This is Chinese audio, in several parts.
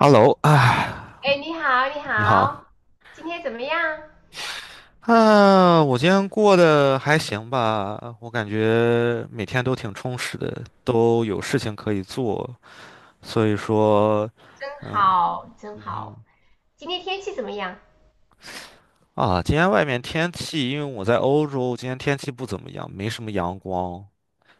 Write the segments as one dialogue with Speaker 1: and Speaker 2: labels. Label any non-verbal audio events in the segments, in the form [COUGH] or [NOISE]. Speaker 1: Hello 啊，
Speaker 2: 哎，你好，你
Speaker 1: 你好
Speaker 2: 好，今天怎么样？
Speaker 1: 啊。我今天过得还行吧，我感觉每天都挺充实的，都有事情可以做，所以说，
Speaker 2: 真好，真
Speaker 1: 嗯
Speaker 2: 好。今天天气怎么样？
Speaker 1: 今天外面天气，因为我在欧洲，今天天气不怎么样，没什么阳光，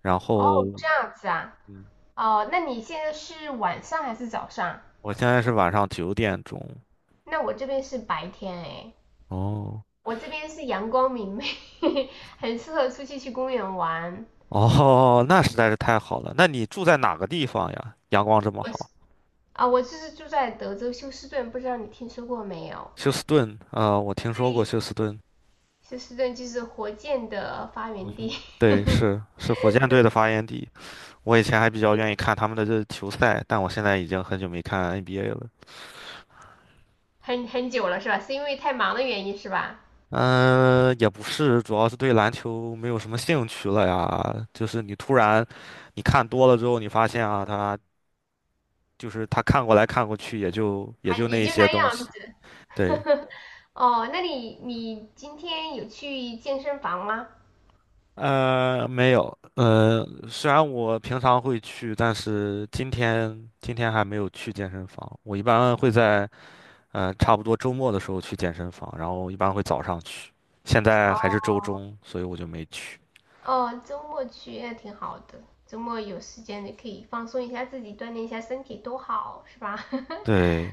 Speaker 1: 然
Speaker 2: 哦，
Speaker 1: 后，
Speaker 2: 这样子啊。
Speaker 1: 嗯，
Speaker 2: 哦，那你现在是晚上还是早上？
Speaker 1: 我现在是晚上9点钟。
Speaker 2: 那我这边是白天哎，
Speaker 1: 哦
Speaker 2: 我这边是阳光明媚，[LAUGHS] 很适合出去去公园玩。
Speaker 1: 哦,那实在是太好了，那你住在哪个地方呀？阳光这么
Speaker 2: 我是
Speaker 1: 好。
Speaker 2: 我就是住在德州休斯顿，不知道你听说过没有？
Speaker 1: 休斯顿啊，我听说过
Speaker 2: 对，
Speaker 1: 休斯顿。
Speaker 2: 休斯顿就是火箭的发源地，
Speaker 1: [LAUGHS] 对，
Speaker 2: [LAUGHS]
Speaker 1: 是火箭队的发源地。我以前还比较愿意看他们的这球赛，但我现在已经很久没看 NBA 了。
Speaker 2: 很久了是吧？是因为太忙的原因是吧？
Speaker 1: 嗯、也不是，主要是对篮球没有什么兴趣了呀。就是你突然，你看多了之后，你发现啊，他就是他看过来看过去，也就也
Speaker 2: 还
Speaker 1: 就
Speaker 2: 也
Speaker 1: 那一
Speaker 2: 就
Speaker 1: 些
Speaker 2: 那
Speaker 1: 东
Speaker 2: 样
Speaker 1: 西。
Speaker 2: 子。
Speaker 1: 对。
Speaker 2: [LAUGHS] 哦，那你今天有去健身房吗？
Speaker 1: 没有。虽然我平常会去，但是今天还没有去健身房。我一般会在。差不多周末的时候去健身房，然后一般会早上去。现在还
Speaker 2: 哦
Speaker 1: 是周中，所以我就没去。
Speaker 2: 哦，周末去那挺好的，周末有时间你可以放松一下自己，锻炼一下身体，多好，是吧？[LAUGHS]
Speaker 1: 对。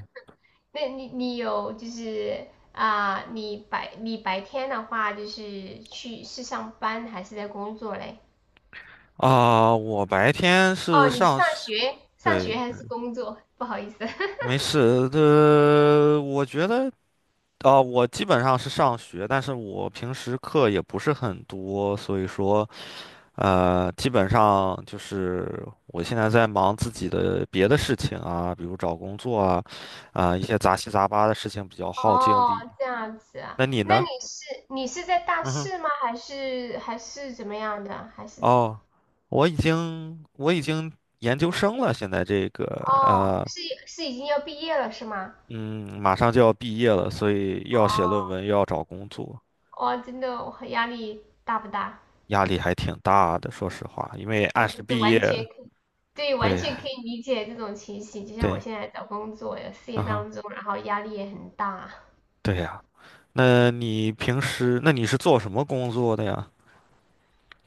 Speaker 2: 那你你有就是啊、你白天的话就是去是上班还是在工作嘞？
Speaker 1: 我白天是
Speaker 2: 哦，你是
Speaker 1: 上，学。
Speaker 2: 上
Speaker 1: 对，
Speaker 2: 学还是工作？[LAUGHS] 不好意思。[LAUGHS]
Speaker 1: 没事。我觉得我基本上是上学，但是我平时课也不是很多，所以说基本上就是我现在在忙自己的别的事情啊，比如找工作啊，一些杂七杂八的事情比较耗精
Speaker 2: 哦，
Speaker 1: 力。
Speaker 2: 这样子啊，
Speaker 1: 那你
Speaker 2: 那
Speaker 1: 呢？
Speaker 2: 你是在大
Speaker 1: 嗯哼。
Speaker 2: 四吗？还是怎么样的？还是
Speaker 1: 哦，我已经研究生了，现在这个
Speaker 2: 哦，
Speaker 1: 呃，
Speaker 2: 是已经要毕业了是吗？
Speaker 1: 嗯，马上就要毕业了，所以又要写论
Speaker 2: 哦，
Speaker 1: 文，又要找工作。
Speaker 2: 哇，真的我压力大不大？
Speaker 1: 压力还挺大的。说实话，因为
Speaker 2: 我
Speaker 1: 按时
Speaker 2: 真的
Speaker 1: 毕业，
Speaker 2: 完全可以，对，完
Speaker 1: 对
Speaker 2: 全可以理解这种情形。就像我
Speaker 1: 对，
Speaker 2: 现在找工作有事
Speaker 1: 啊
Speaker 2: 业
Speaker 1: 哈，
Speaker 2: 当中，然后压力也很大。
Speaker 1: 对呀。那你平时，那你是做什么工作的呀？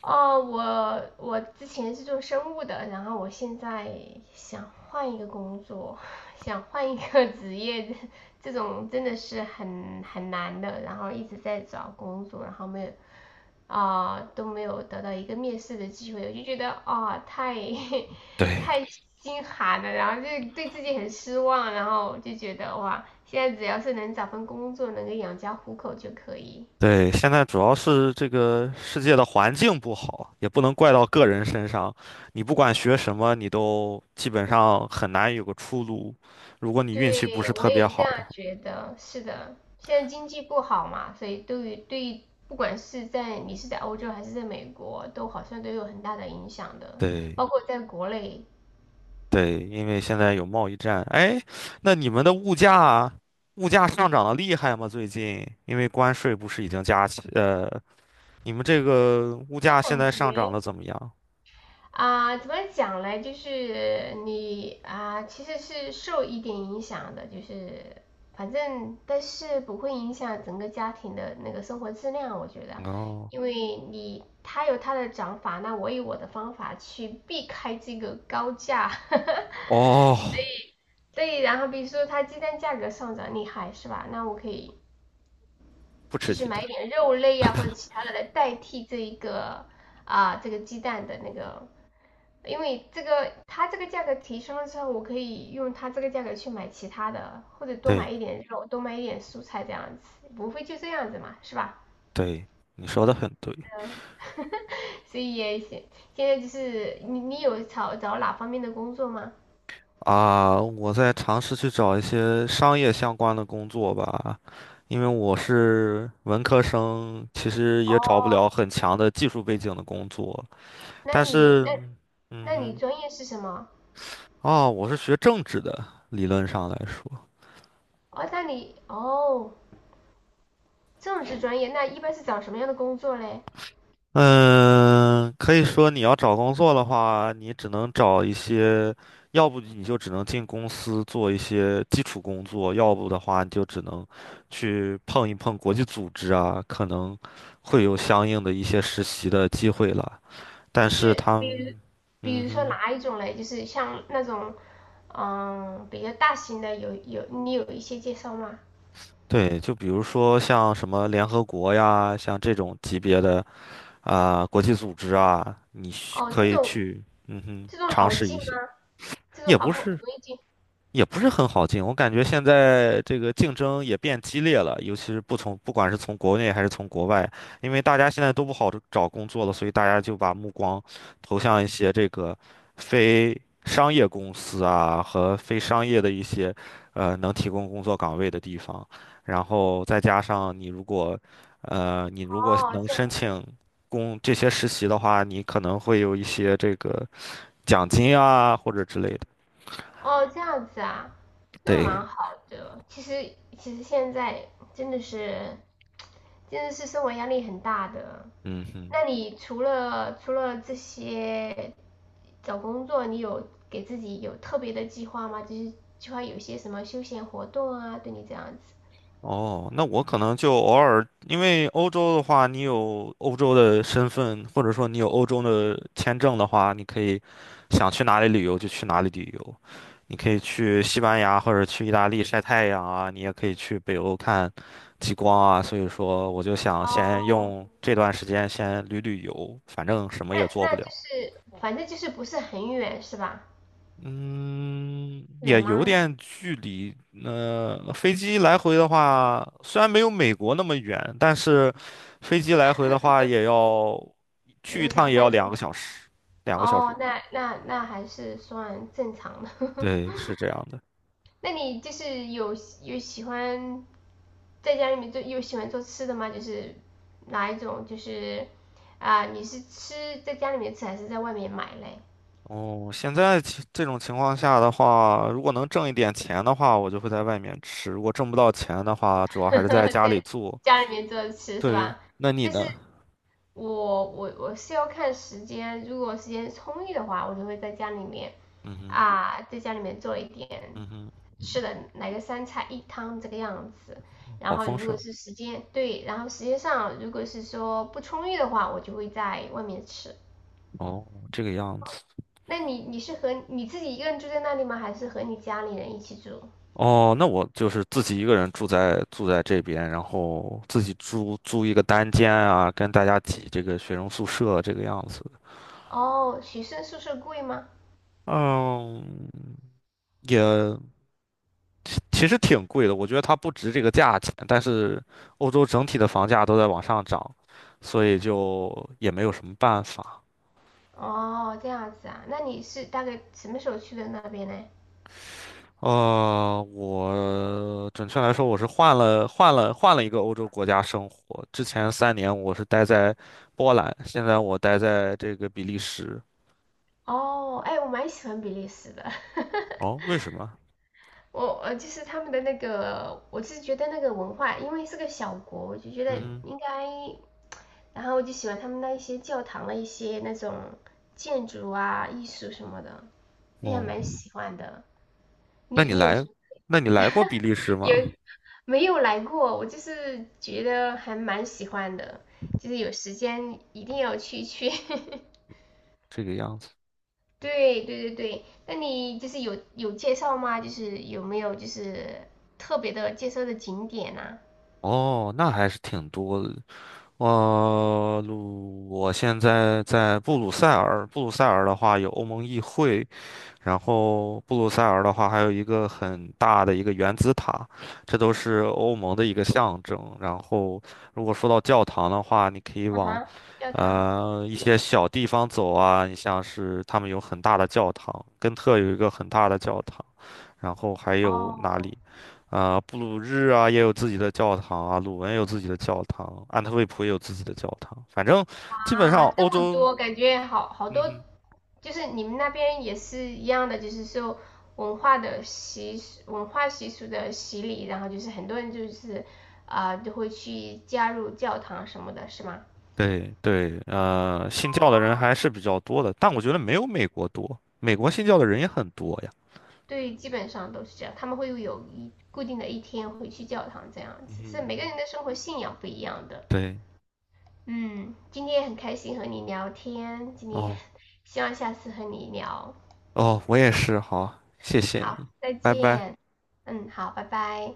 Speaker 2: 哦，我之前是做生物的，然后我现在想换一个工作，[LAUGHS] 想换一个职业，这种真的是很难的。然后一直在找工作，然后没有啊、呃都没有得到一个面试的机会，我就觉得太 [LAUGHS]
Speaker 1: 对，
Speaker 2: 太心寒了，然后就对自己很失望，然后就觉得哇，现在只要是能找份工作，能够养家糊口就可以。
Speaker 1: 对，现在主要是这个世界的环境不好，也不能怪到个人身上。你不管学什么，你都基本上很难有个出路。如果你运气不
Speaker 2: 对，
Speaker 1: 是
Speaker 2: 我
Speaker 1: 特别
Speaker 2: 也这
Speaker 1: 好的
Speaker 2: 样
Speaker 1: 话，
Speaker 2: 觉得，是的。现在经济不好嘛，所以对于不管是在你是在欧洲还是在美国，都好像都有很大的影响的，
Speaker 1: 对
Speaker 2: 包括在国内，
Speaker 1: 对，因为现在有贸易战。哎，那你们的物价，物价上涨的厉害吗？最近，因为关税不是已经加起，你们这个物
Speaker 2: 都
Speaker 1: 价现
Speaker 2: 感
Speaker 1: 在上涨
Speaker 2: 觉
Speaker 1: 的怎么样？
Speaker 2: 怎么讲嘞？就是你啊、呃其实是受一点影响的，就是反正但是不会影响整个家庭的那个生活质量，我觉得，
Speaker 1: 哦
Speaker 2: 因为你他有他的讲法，那我有我的方法去避开这个高价。[LAUGHS]
Speaker 1: 哦,
Speaker 2: 对，然后比如说他鸡蛋价格上涨厉害是吧？那我可以
Speaker 1: 不
Speaker 2: 就
Speaker 1: 吃
Speaker 2: 是
Speaker 1: 鸡
Speaker 2: 买
Speaker 1: 蛋。
Speaker 2: 一点肉类啊或者其他的来代替这个鸡蛋的那个因为这个它这个价格提升了之后，我可以用它这个价格去买其他的，或者多买
Speaker 1: 对
Speaker 2: 一点肉，多买一点蔬菜这样子，不会就这样子嘛，是吧？
Speaker 1: 对，你说的很对。
Speaker 2: [LAUGHS] 所以也行。现在就是你有找哪方面的工作吗？
Speaker 1: 啊，我在尝试去找一些商业相关的工作吧，因为我是文科生，其实也找不了
Speaker 2: 哦，
Speaker 1: 很强的技术背景的工作。
Speaker 2: 那
Speaker 1: 但
Speaker 2: 你
Speaker 1: 是，
Speaker 2: 那
Speaker 1: 嗯
Speaker 2: 那你
Speaker 1: 哼。
Speaker 2: 专业是什么？
Speaker 1: 哦，我是学政治的，理论上来说。
Speaker 2: 哦，那你哦，政治专业，那一般是找什么样的工作嘞？
Speaker 1: 嗯，可以说你要找工作的话，你只能找一些，要不你就只能进公司做一些基础工作，要不的话你就只能去碰一碰国际组织啊，可能会有相应的一些实习的机会了。但
Speaker 2: 就
Speaker 1: 是
Speaker 2: 是
Speaker 1: 他
Speaker 2: 比如，
Speaker 1: 们，
Speaker 2: 比
Speaker 1: 嗯
Speaker 2: 如说
Speaker 1: 哼，
Speaker 2: 哪一种嘞？就是像那种，嗯，比较大型的有，你有一些介绍吗？
Speaker 1: 对，就比如说像什么联合国呀，像这种级别的啊，国际组织啊，你需
Speaker 2: 哦，
Speaker 1: 可
Speaker 2: 这
Speaker 1: 以
Speaker 2: 种
Speaker 1: 去，嗯哼，
Speaker 2: 这种
Speaker 1: 尝
Speaker 2: 好
Speaker 1: 试
Speaker 2: 进
Speaker 1: 一
Speaker 2: 吗？
Speaker 1: 些，
Speaker 2: 这种
Speaker 1: 也
Speaker 2: 好
Speaker 1: 不
Speaker 2: 不
Speaker 1: 是。
Speaker 2: 容易进？
Speaker 1: 也不是很好进，我感觉现在这个竞争也变激烈了，尤其是不管是从国内还是从国外，因为大家现在都不好找工作了，所以大家就把目光投向一些这个非商业公司啊和非商业的一些能提供工作岗位的地方，然后再加上你如果你如果
Speaker 2: 哦，
Speaker 1: 能
Speaker 2: 这
Speaker 1: 申
Speaker 2: 样，
Speaker 1: 请这些实习的话，你可能会有一些这个奖金啊或者之类的，
Speaker 2: 哦，这样子啊，那
Speaker 1: 对，
Speaker 2: 蛮好的。其实现在真的是真的是生活压力很大的。
Speaker 1: 嗯哼。
Speaker 2: 那你除了这些找工作，你有给自己有特别的计划吗？就是计划有些什么休闲活动啊，对你这样子。
Speaker 1: 哦，那我可能就偶尔，因为欧洲的话，你有欧洲的身份，或者说你有欧洲的签证的话，你可以想去哪里旅游就去哪里旅游。你可以去西班牙或者去意大利晒太阳啊，你也可以去北欧看极光啊。所以说，我就想先
Speaker 2: 哦，
Speaker 1: 用这段时间先旅游，反正什么
Speaker 2: 那
Speaker 1: 也做不
Speaker 2: 那就
Speaker 1: 了。
Speaker 2: 是反正就是不是很远是吧？
Speaker 1: 嗯，
Speaker 2: 远
Speaker 1: 也有
Speaker 2: 吗？
Speaker 1: 点距离。飞机来回的话，虽然没有美国那么远，但是飞机来回的话，也要
Speaker 2: 几
Speaker 1: 去一
Speaker 2: 个
Speaker 1: 趟
Speaker 2: 小
Speaker 1: 也要
Speaker 2: 三
Speaker 1: 两
Speaker 2: 四
Speaker 1: 个
Speaker 2: 个？
Speaker 1: 小时。两个小时。
Speaker 2: 哦，那还是算正常的。[LAUGHS]
Speaker 1: 对，是这样的。
Speaker 2: 那你就是有喜欢在家里面做，有喜欢做吃的吗？就是哪一种？你是吃在家里面吃还是在外面买嘞？
Speaker 1: 哦，现在其这种情况下的话，如果能挣一点钱的话，我就会在外面吃；如果挣不到钱的话，主要
Speaker 2: [LAUGHS]
Speaker 1: 还是在家里
Speaker 2: 在
Speaker 1: 做。
Speaker 2: 家里面做着吃是
Speaker 1: 对，
Speaker 2: 吧？
Speaker 1: 那你
Speaker 2: 但是
Speaker 1: 呢？
Speaker 2: 我是要看时间，如果时间充裕的话，我就会在家里面
Speaker 1: 嗯哼，
Speaker 2: 啊，在家里面做一点
Speaker 1: 嗯哼，
Speaker 2: 吃的，来个三菜一汤这个样子。然
Speaker 1: 好
Speaker 2: 后
Speaker 1: 丰
Speaker 2: 如果
Speaker 1: 盛。
Speaker 2: 是时间对，然后时间上如果是说不充裕的话，我就会在外面吃。
Speaker 1: 哦，这个样子。
Speaker 2: 那你你是和你自己一个人住在那里吗？还是和你家里人一起住？
Speaker 1: 哦，那我就是自己一个人住在这边，然后自己租一个单间啊，跟大家挤这个学生宿舍这个样子。
Speaker 2: 哦，学生宿舍贵吗？
Speaker 1: 嗯，也其实挺贵的，我觉得它不值这个价钱，但是欧洲整体的房价都在往上涨，所以就也没有什么办法。
Speaker 2: 哦，这样子啊，那你是大概什么时候去的那边呢？
Speaker 1: 我准确来说，我是换了一个欧洲国家生活。之前3年我是待在波兰，现在我待在这个比利时。
Speaker 2: 哦，哎，我蛮喜欢比利时的，[LAUGHS]
Speaker 1: 哦，为什么？
Speaker 2: 我就是他们的那个，我是觉得那个文化，因为是个小国，我就觉得
Speaker 1: 嗯，
Speaker 2: 应该，然后我就喜欢他们那一些教堂的一些那种建筑啊、艺术什么的，就还
Speaker 1: 哦，
Speaker 2: 蛮喜欢的。
Speaker 1: 那
Speaker 2: 你
Speaker 1: 你
Speaker 2: 你有什
Speaker 1: 来，
Speaker 2: 么？
Speaker 1: 那你来过比利时
Speaker 2: [LAUGHS] 有
Speaker 1: 吗？
Speaker 2: 没有来过？我就是觉得还蛮喜欢的，就是有时间一定要去去。[LAUGHS]
Speaker 1: 这个样子。
Speaker 2: 对对对对，那你就是有介绍吗？就是有没有就是特别的介绍的景点呐、
Speaker 1: 哦，那还是挺多的。我现在在布鲁塞尔。布鲁塞尔的话有欧盟议会，然后布鲁塞尔的话，还有一个很大的一个原子塔，这都是欧盟的一个象征。然后，如果说到教堂的话，你可以
Speaker 2: 啊？啊
Speaker 1: 往
Speaker 2: 哈，教堂。
Speaker 1: 一些小地方走啊，你像是他们有很大的教堂，根特有一个很大的教堂，然后还有哪
Speaker 2: 哦，
Speaker 1: 里？布鲁日啊也有自己的教堂啊，鲁文也有自己的教堂，安特卫普也有自己的教堂。反正基本上
Speaker 2: 啊，
Speaker 1: 欧
Speaker 2: 这么
Speaker 1: 洲，
Speaker 2: 多，感觉好好
Speaker 1: 嗯
Speaker 2: 多，
Speaker 1: 哼。
Speaker 2: 就是你们那边也是一样的，就是受文化习俗的洗礼，然后就是很多人就会去加入教堂什么的，是吗？
Speaker 1: 对对，信教的人还是比较多的，但我觉得没有美国多，美国信教的人也很多呀。
Speaker 2: 对，基本上都是这样，他们会有一固定的一天会去教堂这样子，是
Speaker 1: 嗯
Speaker 2: 每个
Speaker 1: 嗯，
Speaker 2: 人的生活信仰不一样的。
Speaker 1: 对，
Speaker 2: 嗯，今天也很开心和你聊天，今天
Speaker 1: 哦
Speaker 2: 希望下次和你聊。
Speaker 1: 哦,我也是，好，谢谢
Speaker 2: 好，
Speaker 1: 你，
Speaker 2: 再
Speaker 1: 拜拜。
Speaker 2: 见。嗯，好，拜拜。